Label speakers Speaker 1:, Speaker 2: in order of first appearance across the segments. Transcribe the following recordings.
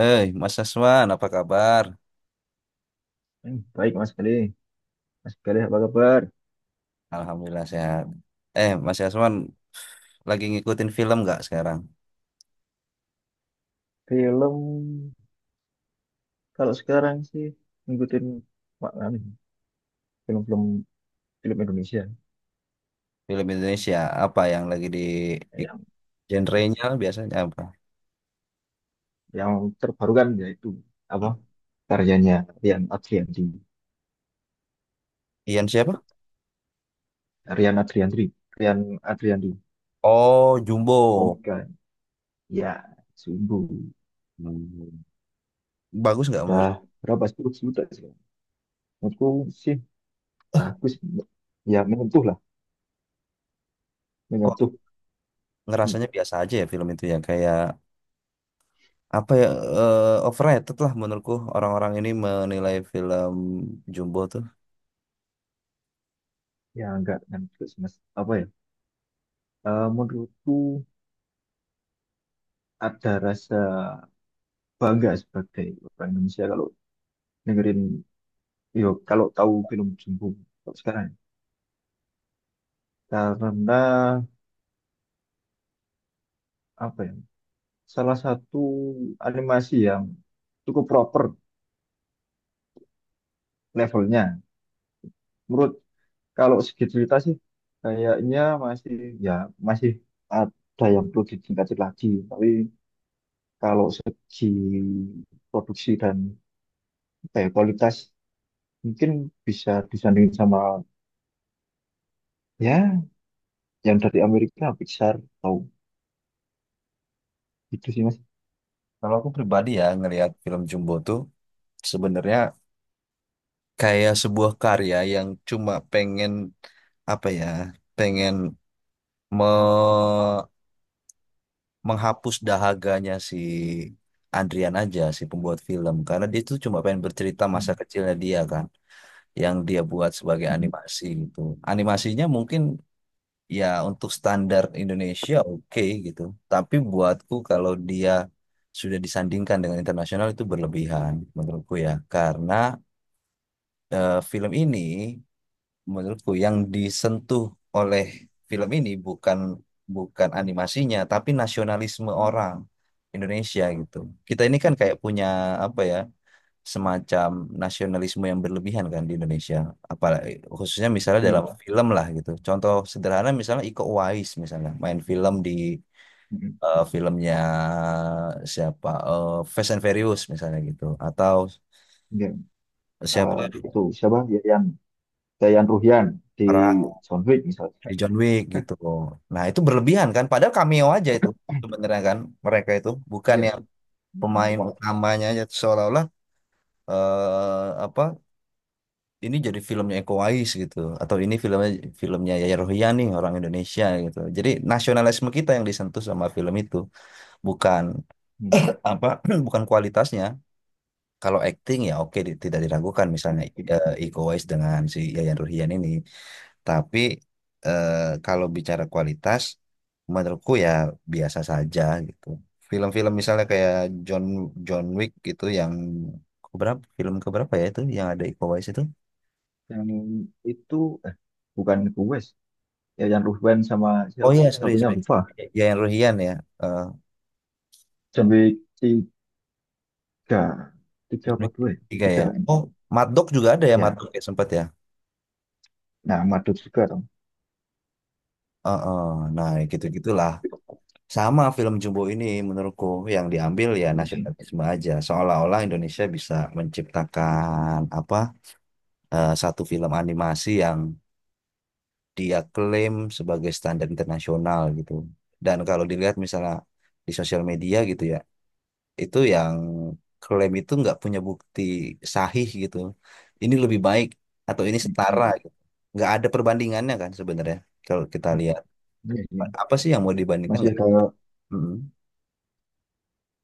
Speaker 1: Mas Aswan, apa kabar?
Speaker 2: Hmm, baik Mas Galih. Mas Galih apa kabar?
Speaker 1: Alhamdulillah sehat. Mas Aswan, lagi ngikutin film nggak sekarang?
Speaker 2: Film, kalau sekarang sih ngikutin Pak Amin, film-film Indonesia,
Speaker 1: Film Indonesia, apa yang lagi di-
Speaker 2: yang
Speaker 1: genre-nya biasanya apa?
Speaker 2: yang terbaru kan yaitu apa,
Speaker 1: Hmm,
Speaker 2: karyanya Rian Adriandi.
Speaker 1: Ian siapa?
Speaker 2: Rian Adriandi, Rian Adriandi,
Speaker 1: Oh, Jumbo.
Speaker 2: komika ya sungguh.
Speaker 1: Hmm, bagus nggak
Speaker 2: Udah
Speaker 1: menurut?
Speaker 2: berapa, 10 juta sih? Menurutku sih bagus, ya menyentuh lah.
Speaker 1: Kok
Speaker 2: Menyentuh. Hmm,
Speaker 1: ngerasanya biasa aja ya film itu ya? Kayak apa ya? eh, Overrated lah menurutku orang-orang ini menilai film Jumbo tuh.
Speaker 2: Ya enggak kan, terus mas apa ya. Menurutku ada rasa bangga sebagai orang Indonesia kalau dengerin, yo kalau tahu film Jumbo. Kalau sekarang, karena apa ya, salah satu animasi yang cukup proper levelnya menurut. Kalau segi cerita sih kayaknya masih, ya masih ada yang perlu ditingkatin lagi. Tapi kalau segi produksi dan apa ya, kualitas, mungkin bisa disandingin sama, ya, yang dari Amerika, Pixar atau gitu sih mas.
Speaker 1: Kalau aku pribadi ya ngelihat film Jumbo tuh sebenarnya kayak sebuah karya yang cuma pengen apa ya pengen me- menghapus dahaganya si Andrian aja si pembuat film karena dia tuh cuma pengen bercerita masa
Speaker 2: Hmm.
Speaker 1: kecilnya dia kan yang dia buat sebagai
Speaker 2: Mm-mm.
Speaker 1: animasi gitu. Animasinya mungkin ya untuk standar Indonesia oke gitu, tapi buatku kalau dia sudah disandingkan dengan internasional itu berlebihan menurutku ya, karena film ini menurutku yang disentuh oleh film ini bukan bukan animasinya tapi nasionalisme orang Indonesia gitu. Kita ini kan kayak punya apa ya semacam nasionalisme yang berlebihan kan di Indonesia. Apalagi khususnya misalnya
Speaker 2: Iya.
Speaker 1: dalam film lah gitu. Contoh sederhana misalnya Iko Uwais misalnya main film di
Speaker 2: Mm-mm.
Speaker 1: filmnya siapa, Fast and Furious misalnya gitu atau
Speaker 2: Iya. Eh,
Speaker 1: siapa,
Speaker 2: itu siapa? Yayan. Yayan Ruhyan di
Speaker 1: Ra
Speaker 2: John Wick misalnya.
Speaker 1: di John Wick gitu. Nah, itu berlebihan kan? Padahal cameo aja itu sebenarnya kan mereka itu bukan
Speaker 2: Iya
Speaker 1: yang
Speaker 2: sih. Hmm.
Speaker 1: pemain
Speaker 2: Coba.
Speaker 1: utamanya, aja seolah-olah apa ini jadi filmnya Eko Wais gitu atau ini filmnya filmnya Yaya Rohiani orang Indonesia gitu. Jadi nasionalisme kita yang disentuh sama film itu bukan
Speaker 2: Hmm.
Speaker 1: apa, bukan kualitasnya. Kalau acting ya oke, tidak diragukan misalnya
Speaker 2: Oke.
Speaker 1: Iko Uwais dengan si Yayan Ruhian ini. Tapi eh, kalau bicara kualitas, menurutku ya biasa saja gitu. Film-film misalnya kayak John John Wick gitu yang keberapa, film keberapa ya itu yang ada Iko Uwais itu?
Speaker 2: Yang itu eh bukan gue sih. Yayan Ruhyan sama
Speaker 1: Oh
Speaker 2: siapa?
Speaker 1: iya, sorry
Speaker 2: Satunya
Speaker 1: sorry.
Speaker 2: lupa.
Speaker 1: Ya yang Ruhian ya. Eh,
Speaker 2: John Wick tiga, tiga
Speaker 1: John
Speaker 2: apa
Speaker 1: Wick
Speaker 2: dua, ya?
Speaker 1: tiga
Speaker 2: Tiga,
Speaker 1: ya.
Speaker 2: kan?
Speaker 1: Oh, Mad Dog juga ada ya, Mad
Speaker 2: Ya.
Speaker 1: Dog ya sempat ya.
Speaker 2: Nah, Madut juga dong.
Speaker 1: Heeh, nah, gitu-gitulah. Sama film Jumbo ini menurutku yang diambil ya
Speaker 2: Iya sih.
Speaker 1: nasionalisme aja. Seolah-olah Indonesia bisa menciptakan apa? Satu film animasi yang dia klaim sebagai standar internasional gitu. Dan kalau dilihat misalnya di sosial media gitu ya, itu yang klaim itu nggak punya bukti sahih gitu. Ini lebih baik atau ini setara
Speaker 2: Mm-mm.
Speaker 1: gitu. Nggak ada perbandingannya kan sebenarnya kalau kita lihat.
Speaker 2: Iya sih.
Speaker 1: Apa sih yang mau dibandingkan,
Speaker 2: Masih
Speaker 1: nggak
Speaker 2: ada
Speaker 1: ada. Mm.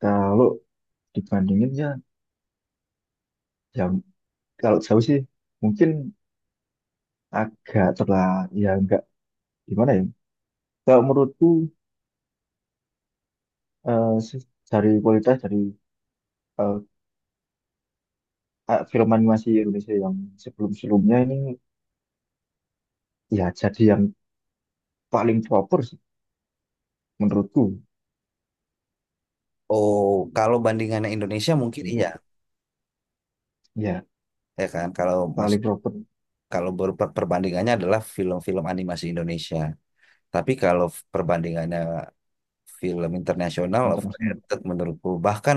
Speaker 2: kalau dibandingin ya, ya kalau jauh sih mungkin agak terlah, ya enggak, gimana ya, kalau menurutku dari kualitas dari eh, film animasi Indonesia yang sebelum-sebelumnya ini, ya jadi yang paling proper sih menurutku.
Speaker 1: Oh, kalau bandingannya Indonesia
Speaker 2: Kalau
Speaker 1: mungkin
Speaker 2: menurutku,
Speaker 1: iya,
Speaker 2: ya
Speaker 1: ya kan? Kalau mas,
Speaker 2: paling proper.
Speaker 1: perbandingannya adalah film-film animasi Indonesia. Tapi kalau perbandingannya film internasional,
Speaker 2: Internasional,
Speaker 1: overrated menurutku, bahkan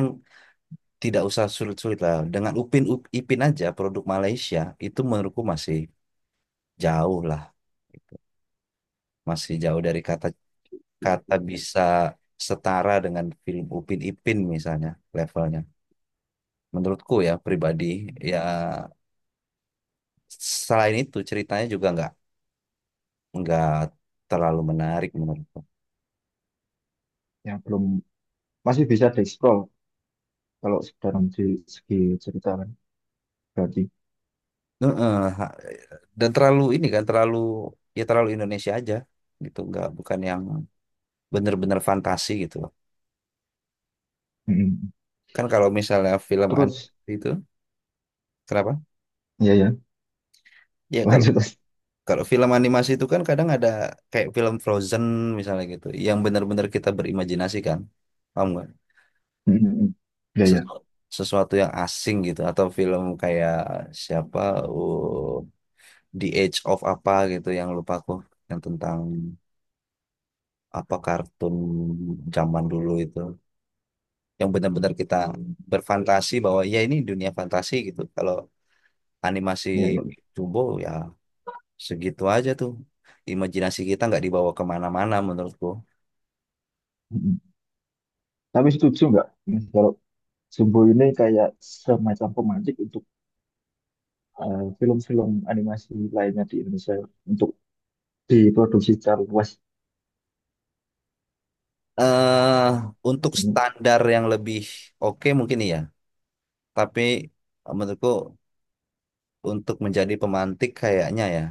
Speaker 1: tidak usah sulit-sulit lah. Dengan Ipin aja produk Malaysia itu menurutku masih jauh lah gitu. Masih jauh dari kata kata bisa setara dengan film Upin Ipin misalnya levelnya. Menurutku ya pribadi ya, selain itu ceritanya juga nggak terlalu menarik menurutku.
Speaker 2: yang belum, masih bisa dieksplor kalau dalam di segi cerita, kan berarti.
Speaker 1: Heeh, dan terlalu ini kan, terlalu ya terlalu Indonesia aja gitu, nggak, bukan yang bener-bener fantasi gitu loh,
Speaker 2: Mm-mm.
Speaker 1: kan kalau misalnya film
Speaker 2: Terus,
Speaker 1: animasi itu kenapa
Speaker 2: ya ya,
Speaker 1: ya, kalau
Speaker 2: lanjut terus.
Speaker 1: kalau film animasi itu kan kadang ada kayak film Frozen misalnya gitu yang bener-bener kita berimajinasi kan, paham nggak?
Speaker 2: Mm-mm. Ya ya
Speaker 1: Sesu- Sesuatu yang asing gitu, atau film kayak siapa, oh, The Age of apa gitu yang lupa aku, yang tentang apa kartun zaman dulu itu yang benar-benar kita berfantasi bahwa ya ini dunia fantasi gitu. Kalau animasi
Speaker 2: ya ya.
Speaker 1: Jumbo ya segitu aja tuh. Imajinasi kita nggak dibawa kemana-mana menurutku.
Speaker 2: Mm-mm. Tapi setuju nggak Mas, kalau Jumbo ini kayak semacam pemancing untuk film-film animasi lainnya di Indonesia untuk diproduksi secara luas.
Speaker 1: Eh untuk
Speaker 2: Jadi,
Speaker 1: standar yang lebih oke mungkin iya. Tapi menurutku untuk menjadi pemantik kayaknya ya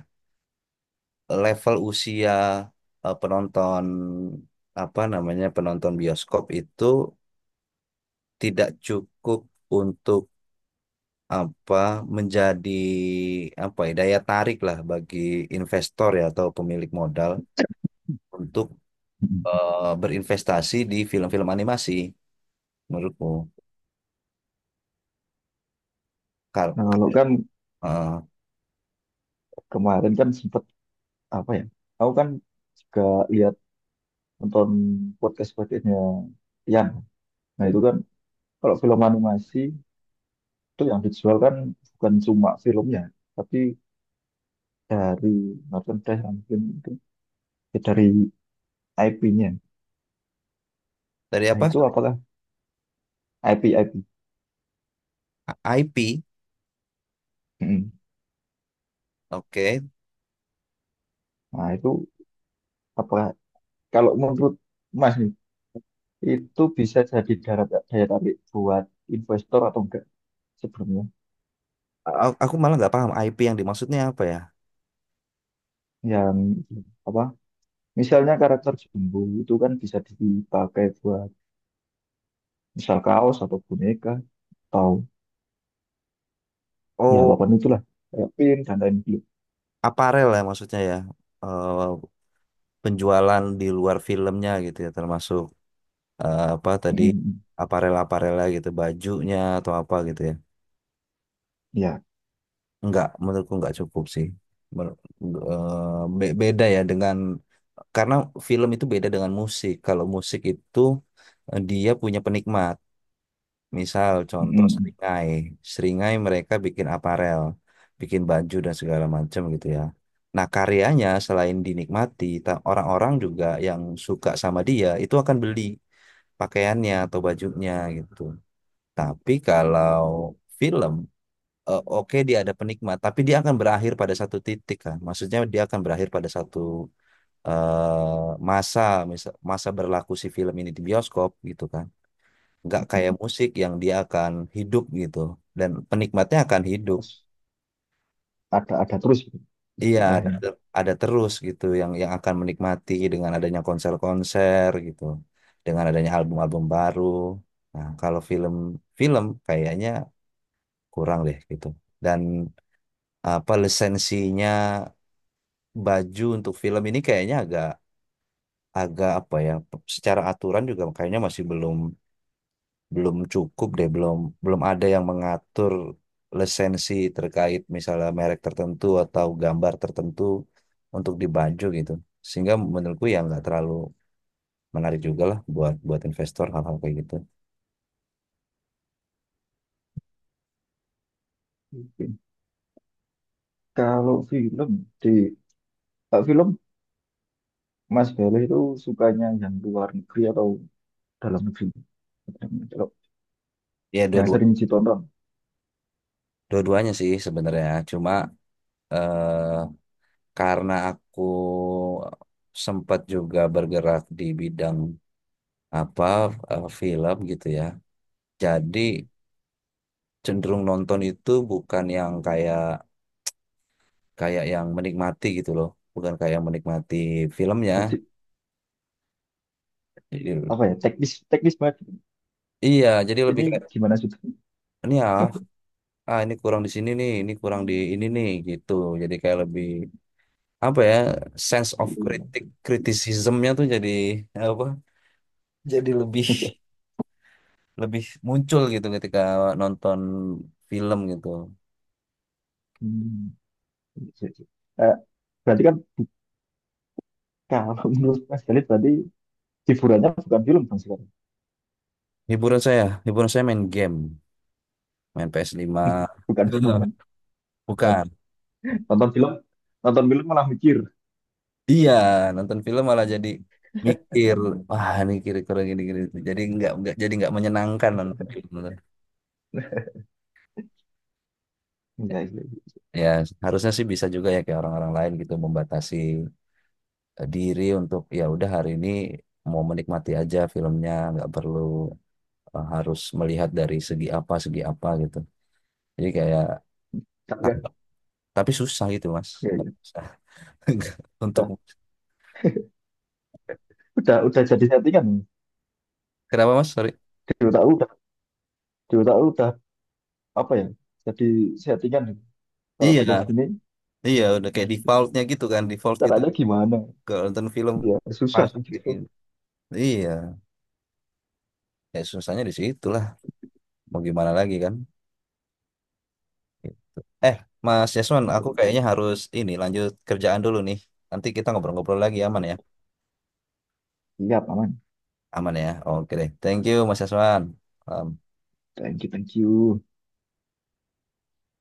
Speaker 1: level usia penonton apa namanya penonton bioskop itu tidak cukup untuk apa menjadi apa ya daya tarik lah bagi investor ya atau pemilik modal untuk
Speaker 2: mm.
Speaker 1: berinvestasi di film-film animasi menurutku. Kar
Speaker 2: Nah, kalau kan
Speaker 1: eh,
Speaker 2: kemarin kan sempat apa ya? Aku kan juga lihat, nonton podcastnya Tian. Nah itu kan, kalau film animasi itu yang dijual kan bukan cuma filmnya, tapi dari merchandise yang mungkin itu, ya dari IP-nya.
Speaker 1: dari
Speaker 2: Nah
Speaker 1: apa?
Speaker 2: itu apakah IP IP?
Speaker 1: IP. Oke.
Speaker 2: Nah itu apakah Kalau menurut Mas nih, itu bisa jadi darat, daya tarik buat investor atau enggak sebelumnya?
Speaker 1: Aku malah nggak paham IP yang dimaksudnya apa ya.
Speaker 2: Yang apa? Misalnya karakter Jumbo itu kan bisa dipakai buat misal kaos atau boneka, atau ya
Speaker 1: Oh,
Speaker 2: apapun itulah, kayak pin dan lain-lain.
Speaker 1: aparel ya maksudnya ya. Eh, penjualan di luar filmnya gitu ya, termasuk apa tadi
Speaker 2: Mm-mm.
Speaker 1: aparel-aparelnya gitu, bajunya atau apa gitu ya.
Speaker 2: Ya,
Speaker 1: Enggak, menurutku enggak cukup sih. Mer- beda ya dengan karena film itu beda dengan musik. Kalau musik itu dia punya penikmat. Misal contoh
Speaker 2: mm-mm.
Speaker 1: seringai. Seringai mereka bikin aparel, bikin baju dan segala macam gitu ya. Nah, karyanya selain dinikmati, orang-orang juga yang suka sama dia itu akan beli pakaiannya atau bajunya gitu. Tapi kalau film oke dia ada penikmat, tapi dia akan berakhir pada satu titik kan. Maksudnya dia akan berakhir pada satu masa, masa berlaku si film ini di bioskop gitu kan. Nggak kayak musik yang dia akan hidup gitu dan penikmatnya akan hidup.
Speaker 2: Terus ada terus gitu,
Speaker 1: Iya, ada,
Speaker 2: istilahnya.
Speaker 1: ada terus gitu yang akan menikmati dengan adanya konser-konser gitu, dengan adanya album-album baru. Nah, kalau film-film kayaknya kurang deh gitu. Dan apa lisensinya baju untuk film ini kayaknya agak agak apa ya, secara aturan juga kayaknya masih belum, belum cukup deh, belum belum ada yang mengatur lisensi terkait misalnya merek tertentu atau gambar tertentu untuk di baju gitu, sehingga menurutku ya nggak terlalu menarik juga lah buat buat investor hal-hal kayak gitu.
Speaker 2: Mungkin. Kalau di film Mas Bele itu sukanya yang luar negeri atau dalam negeri? Kalau
Speaker 1: Ya
Speaker 2: yang
Speaker 1: dua-dua,
Speaker 2: sering ditonton.
Speaker 1: dua-duanya sih sebenarnya, cuma eh, karena aku sempat juga bergerak di bidang apa film gitu ya. Jadi cenderung nonton itu bukan yang kayak kayak yang menikmati gitu loh, bukan kayak yang menikmati filmnya.
Speaker 2: Berarti
Speaker 1: Jadi,
Speaker 2: apa ya, teknis teknis banget
Speaker 1: iya, jadi lebih kayak
Speaker 2: ini, gimana sudah.
Speaker 1: ini ya, ah ini kurang di sini nih, ini kurang di ini nih gitu. Jadi kayak lebih apa ya, sense of kritik kritisismnya tuh jadi apa? Jadi lebih lebih muncul gitu ketika nonton film gitu.
Speaker 2: Berarti kan, kalau menurut Mas Khalid berarti hiburannya bukan film dong sekarang.
Speaker 1: Hiburan saya main game. Main PS5,
Speaker 2: Bukan film kan,
Speaker 1: bukan,
Speaker 2: nonton film nonton film malah mikir.
Speaker 1: iya nonton film malah jadi mikir wah ini kira-kira gini gini, jadi nggak jadi nggak menyenangkan nonton film.
Speaker 2: Ya, ya, ya.
Speaker 1: Ya harusnya sih bisa juga ya kayak orang-orang lain gitu membatasi diri untuk ya udah hari ini mau menikmati aja filmnya, nggak perlu harus melihat dari segi apa gitu, jadi kayak,
Speaker 2: Kan,
Speaker 1: tapi susah gitu mas.
Speaker 2: ya, ya.
Speaker 1: Susah. Untuk
Speaker 2: Udah, udah jadi settingan
Speaker 1: kenapa mas sorry,
Speaker 2: di otak udah di otak udah apa ya, jadi settingan kalau
Speaker 1: iya,
Speaker 2: film ini,
Speaker 1: iya, udah kayak defaultnya gitu kan. Default kita
Speaker 2: caranya gimana,
Speaker 1: kalau nonton film
Speaker 2: ya susah
Speaker 1: pas
Speaker 2: sih
Speaker 1: bikin.
Speaker 2: gitu.
Speaker 1: Iya, ya susahnya di situ lah. Mau gimana lagi kan? Gitu. Eh, Mas Yasman, aku kayaknya harus ini lanjut kerjaan dulu nih. Nanti kita ngobrol-ngobrol lagi aman ya?
Speaker 2: Iya aman.
Speaker 1: Aman ya. Oke deh. Thank you Mas Yasman. Um,
Speaker 2: Thank you thank you.